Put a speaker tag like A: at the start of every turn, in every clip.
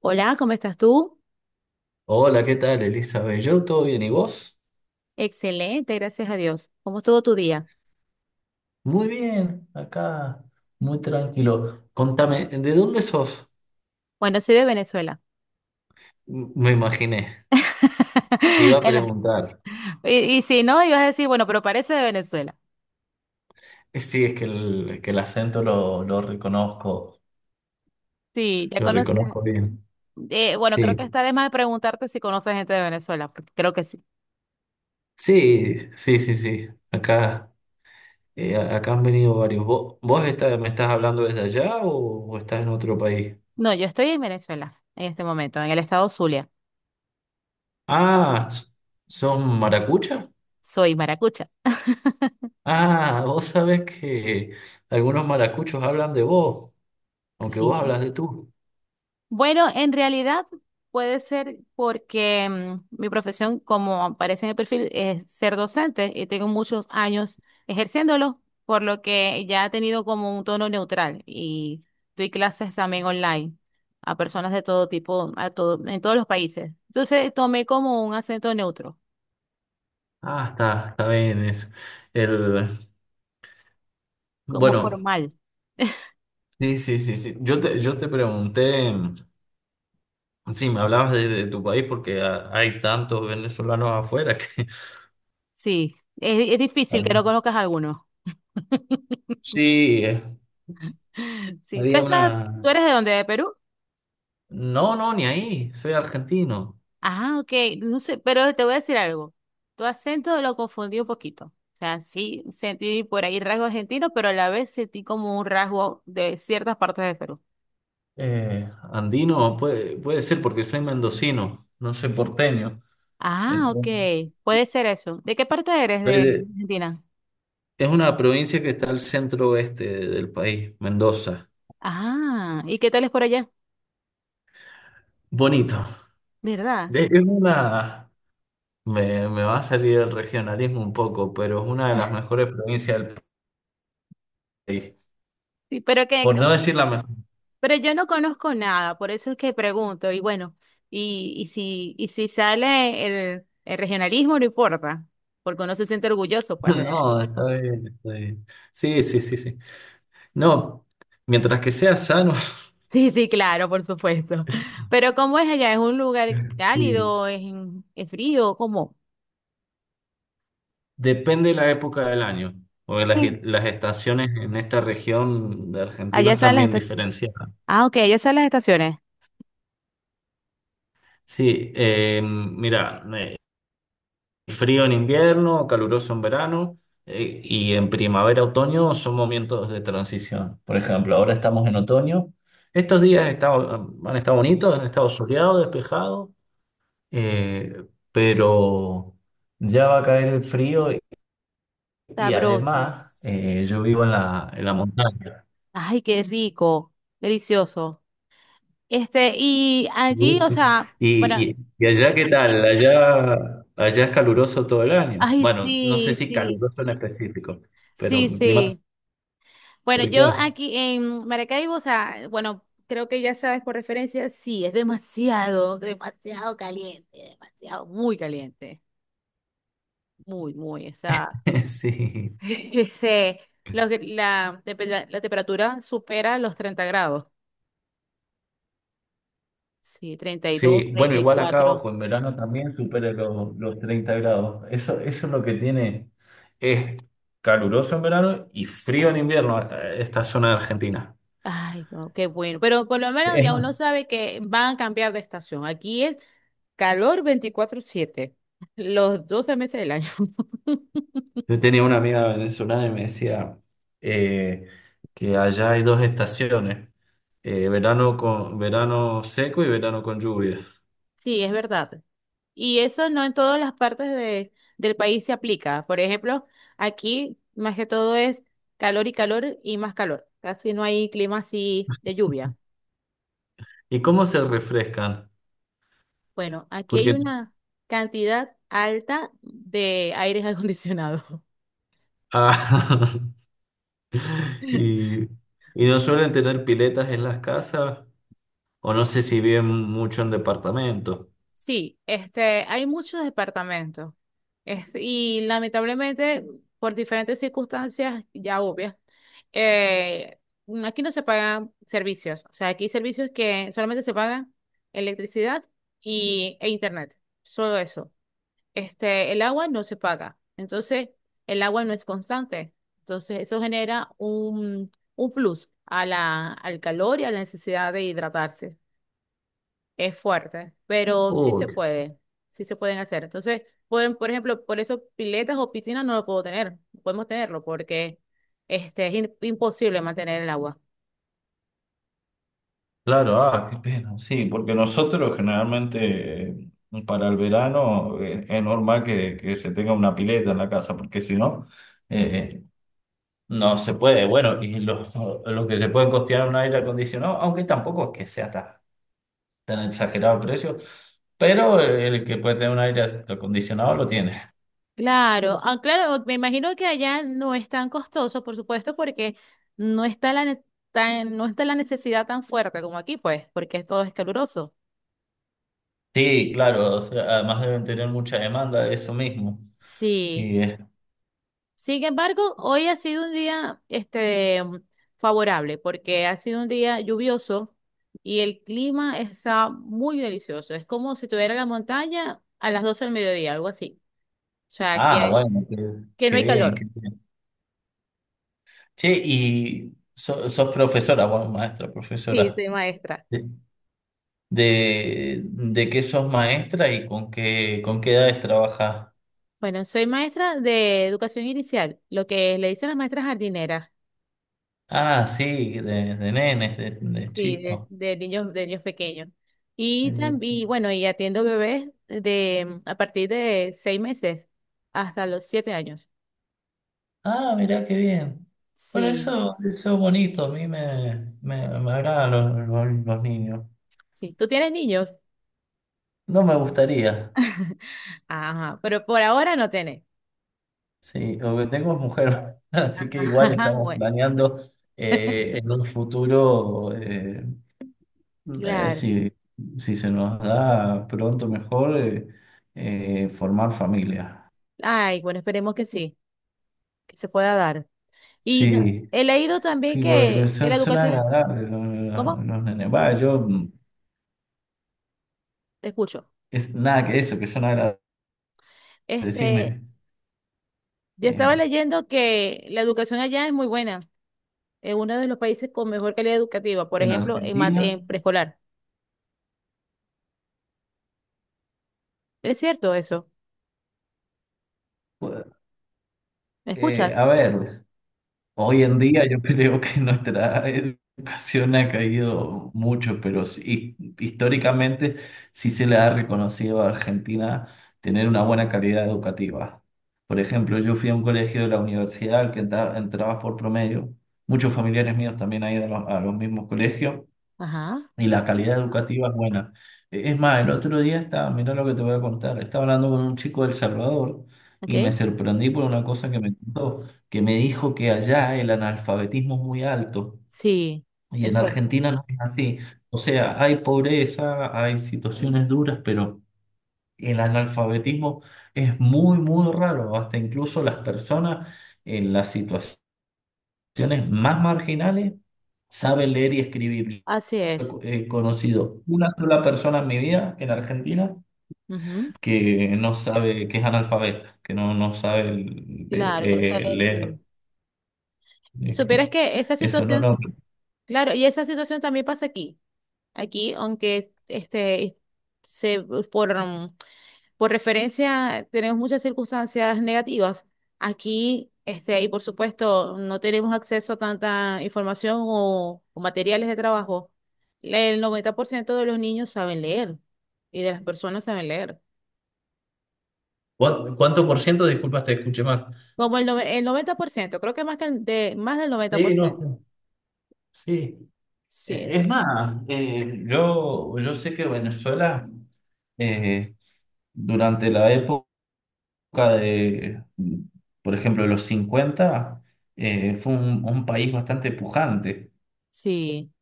A: Hola, ¿cómo estás tú?
B: Hola, ¿qué tal, Elizabeth? Yo todo bien, ¿y vos?
A: Excelente, gracias a Dios. ¿Cómo estuvo tu día?
B: Muy bien, acá, muy tranquilo. Contame, ¿de dónde sos?
A: Bueno, soy de Venezuela.
B: Me imaginé, te iba a
A: En la-
B: preguntar.
A: y si no, ibas a decir, bueno, pero parece de Venezuela.
B: Sí, es que el acento
A: Sí, ya
B: lo
A: conoces.
B: reconozco bien.
A: Bueno, creo
B: Sí,
A: que está de más preguntarte si conoces gente de Venezuela, porque creo que sí.
B: sí, sí, sí, sí. Acá, acá han venido varios. ¿Vos estás- me estás hablando desde allá o estás en otro país?
A: No, yo estoy en Venezuela en este momento, en el estado Zulia.
B: Ah, ¿son maracuchas?
A: Soy maracucha.
B: Ah, vos sabés que algunos maracuchos hablan de vos, aunque vos
A: Sí.
B: hablas de tú.
A: Bueno, en realidad puede ser porque mi profesión, como aparece en el perfil, es ser docente y tengo muchos años ejerciéndolo, por lo que ya he tenido como un tono neutral y doy clases también online a personas de todo tipo, a todo, en todos los países. Entonces tomé como un acento neutro,
B: Ah, está, está bien. Eso. El...
A: como
B: Bueno,
A: formal.
B: sí, sí, sí, sí. Yo te pregunté, sí, me hablabas de tu país porque ha- hay tantos venezolanos afuera que...
A: Sí, es difícil
B: Ah.
A: que no conozcas a alguno.
B: Sí,
A: Sí, ¿tú
B: había
A: estás,
B: una...
A: tú eres de dónde? ¿De Perú?
B: No, no, ni ahí, soy argentino.
A: Ah, ok, no sé, pero te voy a decir algo. Tu acento lo confundí un poquito. O sea, sí sentí por ahí rasgo argentino, pero a la vez sentí como un rasgo de ciertas partes de Perú.
B: Andino puede ser porque soy mendocino, no soy porteño.
A: Ah, ok,
B: Entonces...
A: puede ser eso. ¿De qué parte eres
B: soy
A: de
B: de...
A: Argentina?
B: Es una provincia que está al centro oeste del país, Mendoza.
A: Ah, ¿y qué tal es por allá?
B: Bonito.
A: ¿Verdad?
B: Es una... me va a salir el regionalismo un poco, pero es una de las mejores provincias del país.
A: Sí,
B: Por no decir la mejor.
A: pero yo no conozco nada, por eso es que pregunto. Y bueno, y si sale el regionalismo, no importa, porque uno se siente orgulloso, pues.
B: No, está bien, está bien. Sí, sí, sí, sí. No, mientras que sea sano.
A: Sí, sí, claro, por supuesto. Pero ¿cómo es allá? ¿Es un lugar
B: Sí.
A: cálido? ¿Es frío? ¿Cómo?
B: Depende de la época del año, porque
A: Sí.
B: las estaciones en esta región de Argentina
A: Allá están
B: están
A: las
B: bien
A: estaciones.
B: diferenciadas.
A: Ah, ok, allá están las estaciones.
B: Sí, mira, frío en invierno, caluroso en verano, y en primavera, otoño son momentos de transición. Por ejemplo, ahora estamos en otoño.
A: Okay,
B: Han estado bonitos, han estado soleados, despejados, eh, pero ya va a caer el frío. Y y
A: sabroso.
B: además yo vivo en en la montaña.
A: Ay, qué rico. Delicioso. Y allí, o sea, bueno,
B: Y allá, ¿qué tal? Allá es caluroso todo el año.
A: ay,
B: Bueno, no sé
A: sí,
B: si
A: sí,
B: caluroso en específico, pero
A: sí,
B: clima
A: sí. Bueno, yo
B: tropical.
A: aquí en Maracaibo, o sea, bueno, creo que ya sabes por referencia, sí, es demasiado, demasiado caliente, demasiado, muy caliente. Muy, muy, o sea,
B: Sí,
A: este, la temperatura supera los 30 grados. Sí, 30 32
B: sí, bueno,
A: treinta y
B: igual acá,
A: cuatro
B: ojo, en verano también supera los 30 grados. Eso, eso es lo que tiene. Es caluroso en verano y frío en invierno, esta zona de Argentina.
A: Ay, no, qué bueno. Pero por lo menos
B: Es
A: ya
B: más,
A: uno sabe que van a cambiar de estación. Aquí es calor 24/7, los 12 meses del año.
B: yo tenía una amiga venezolana y me decía eh, que allá hay dos estaciones, verano con, verano seco y verano con lluvia.
A: Sí, es verdad. Y eso no en todas las partes del país se aplica. Por ejemplo, aquí más que todo es calor y calor y más calor. Casi no hay clima así de lluvia.
B: ¿Y cómo se refrescan?
A: Bueno, aquí hay
B: Porque
A: una cantidad alta de aires acondicionados.
B: ah, y, y no suelen tener piletas en las casas. O no sé si viven mucho en departamentos.
A: Sí, hay muchos departamentos. Y lamentablemente, por diferentes circunstancias ya obvias, eh, aquí no se pagan servicios. O sea, aquí hay servicios que solamente se pagan electricidad e internet. Solo eso. El agua no se paga. Entonces, el agua no es constante. Entonces, eso genera un plus a al calor y a la necesidad de hidratarse. Es fuerte, pero
B: Uy,
A: sí se pueden hacer. Entonces, pueden, por ejemplo, por eso piletas o piscinas no lo puedo tener, no podemos tenerlo porque imposible mantener el agua.
B: claro, ah, qué pena. Sí, porque nosotros generalmente para el verano es normal que se tenga una pileta en la casa, porque si no, eh, no se puede. Bueno, y los que se pueden costear un aire acondicionado, aunque tampoco es que sea tan, tan exagerado el precio, pero el que puede tener un aire acondicionado lo tiene.
A: Claro, ah, claro, me imagino que allá no es tan costoso, por supuesto, porque no está la, ne- tan- no está la necesidad tan fuerte como aquí, pues, porque todo es caluroso.
B: Sí, claro, o sea, además deben tener mucha demanda de eso mismo.
A: Sí. Sin embargo, hoy ha sido un día, favorable, porque ha sido un día lluvioso y el clima está muy delicioso. Es como si tuviera la montaña a las 12 del mediodía, algo así. O sea,
B: Ah,
A: que,
B: bueno, qué,
A: que no
B: qué
A: hay
B: bien, qué
A: calor.
B: bien. Che, y so- sos profesora, bueno, maestra,
A: Sí,
B: profesora.
A: sí, maestra.
B: ¿De, de qué sos maestra y con qué edades trabajás?
A: Bueno, soy maestra de educación inicial, lo que le dicen las maestras jardineras,
B: Ah, sí, de nenes, de
A: sí, de,
B: chicos.
A: de niños, de niños pequeños. Y
B: Sí.
A: también, bueno, y atiendo bebés de a partir de 6 meses hasta los 7 años.
B: Ah, mirá qué bien. Bueno,
A: Sí,
B: eso es bonito, a mí me agradan los, los niños.
A: sí. ¿Tú tienes niños?
B: No me gustaría.
A: Ajá, pero por ahora no tenés.
B: Sí, lo que tengo es mujer, así que igual
A: Ajá,
B: estamos
A: bueno,
B: planeando en un futuro,
A: claro.
B: si, si se nos da pronto mejor, formar familia.
A: Ay, bueno, esperemos que sí, que se pueda dar. Y
B: Sí,
A: he leído también
B: sí, porque
A: que,
B: son,
A: la
B: son
A: educación,
B: agradables
A: ¿cómo?
B: los nenes. Va, yo,
A: Te escucho.
B: es nada que eso, que son agradables. Decime,
A: Este, Yo estaba
B: eh,
A: leyendo que la educación allá es muy buena, es uno de los países con mejor calidad educativa, por
B: en
A: ejemplo,
B: Argentina,
A: en preescolar. ¿Es cierto eso?
B: pues,
A: ¿Me escuchas?
B: a ver. Hoy en día yo creo que nuestra educación ha caído mucho, pero sí, históricamente sí se le ha reconocido a Argentina tener una buena calidad educativa. Por
A: Sí.
B: ejemplo, yo fui a un colegio de la universidad al que entra- entrabas por promedio. Muchos familiares míos también han ido a los mismos colegios
A: Ajá,
B: y la calidad educativa es buena. E- Es más, el otro día estaba, mira lo que te voy a contar, estaba hablando con un chico de El Salvador y me
A: ok.
B: sorprendí por una cosa que me contó, que me dijo que allá el analfabetismo es muy alto
A: Sí,
B: y
A: es
B: en
A: fuerte.
B: Argentina no es así. O sea, hay pobreza, hay situaciones duras, pero el analfabetismo es muy, muy raro. Hasta incluso las personas en la situación poblaciones más marginales saben leer y escribir.
A: Así es.
B: He conocido una sola persona en mi vida en Argentina
A: Ujú,
B: que no sabe, que es analfabeta, que no, no sabe eh,
A: claro, con eso leer y
B: leer
A: escribir.
B: y
A: Supieras
B: escribir.
A: que esa
B: Eso no,
A: situación,
B: no.
A: claro, y esa situación también pasa aquí. Aquí, aunque se, por, mm, por referencia, tenemos muchas circunstancias negativas aquí, y por supuesto, no tenemos acceso a tanta información o materiales de trabajo. El 90% de los niños saben leer y de las personas saben leer.
B: ¿Cuán- ¿Cuánto por ciento? Disculpas, te escuché mal.
A: Como el 90% creo que más, más del noventa por
B: Sí, no,
A: ciento
B: está- sí.
A: Sí,
B: Es más, yo sé que Venezuela, eh, durante la época de, por ejemplo, de los 50 fue un país bastante pujante,
A: sí,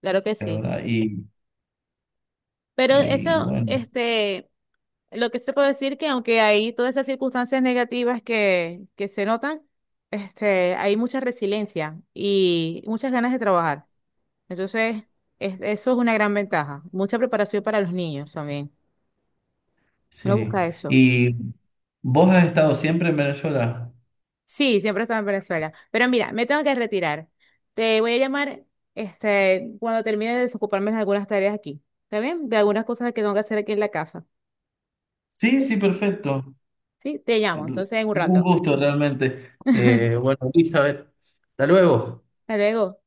A: claro que sí.
B: ¿verdad?
A: Pero
B: Y
A: eso,
B: bueno,
A: lo que se puede decir que aunque hay todas esas circunstancias negativas que se notan, hay mucha resiliencia y muchas ganas de trabajar. Entonces, eso es una gran ventaja. Mucha preparación para los niños también. Uno
B: sí.
A: busca eso.
B: ¿Y vos has estado siempre en Venezuela?
A: Sí, siempre está en Venezuela. Pero mira, me tengo que retirar. Te voy a llamar cuando termine de desocuparme de algunas tareas aquí. ¿Está bien? De algunas cosas que tengo que hacer aquí en la casa.
B: Sí,
A: Sí,
B: sí, perfecto.
A: sí, te llamo.
B: El-
A: Entonces, en un
B: Un
A: rato.
B: gusto realmente.
A: Hasta
B: Bueno, Elizabeth, hasta luego.
A: luego.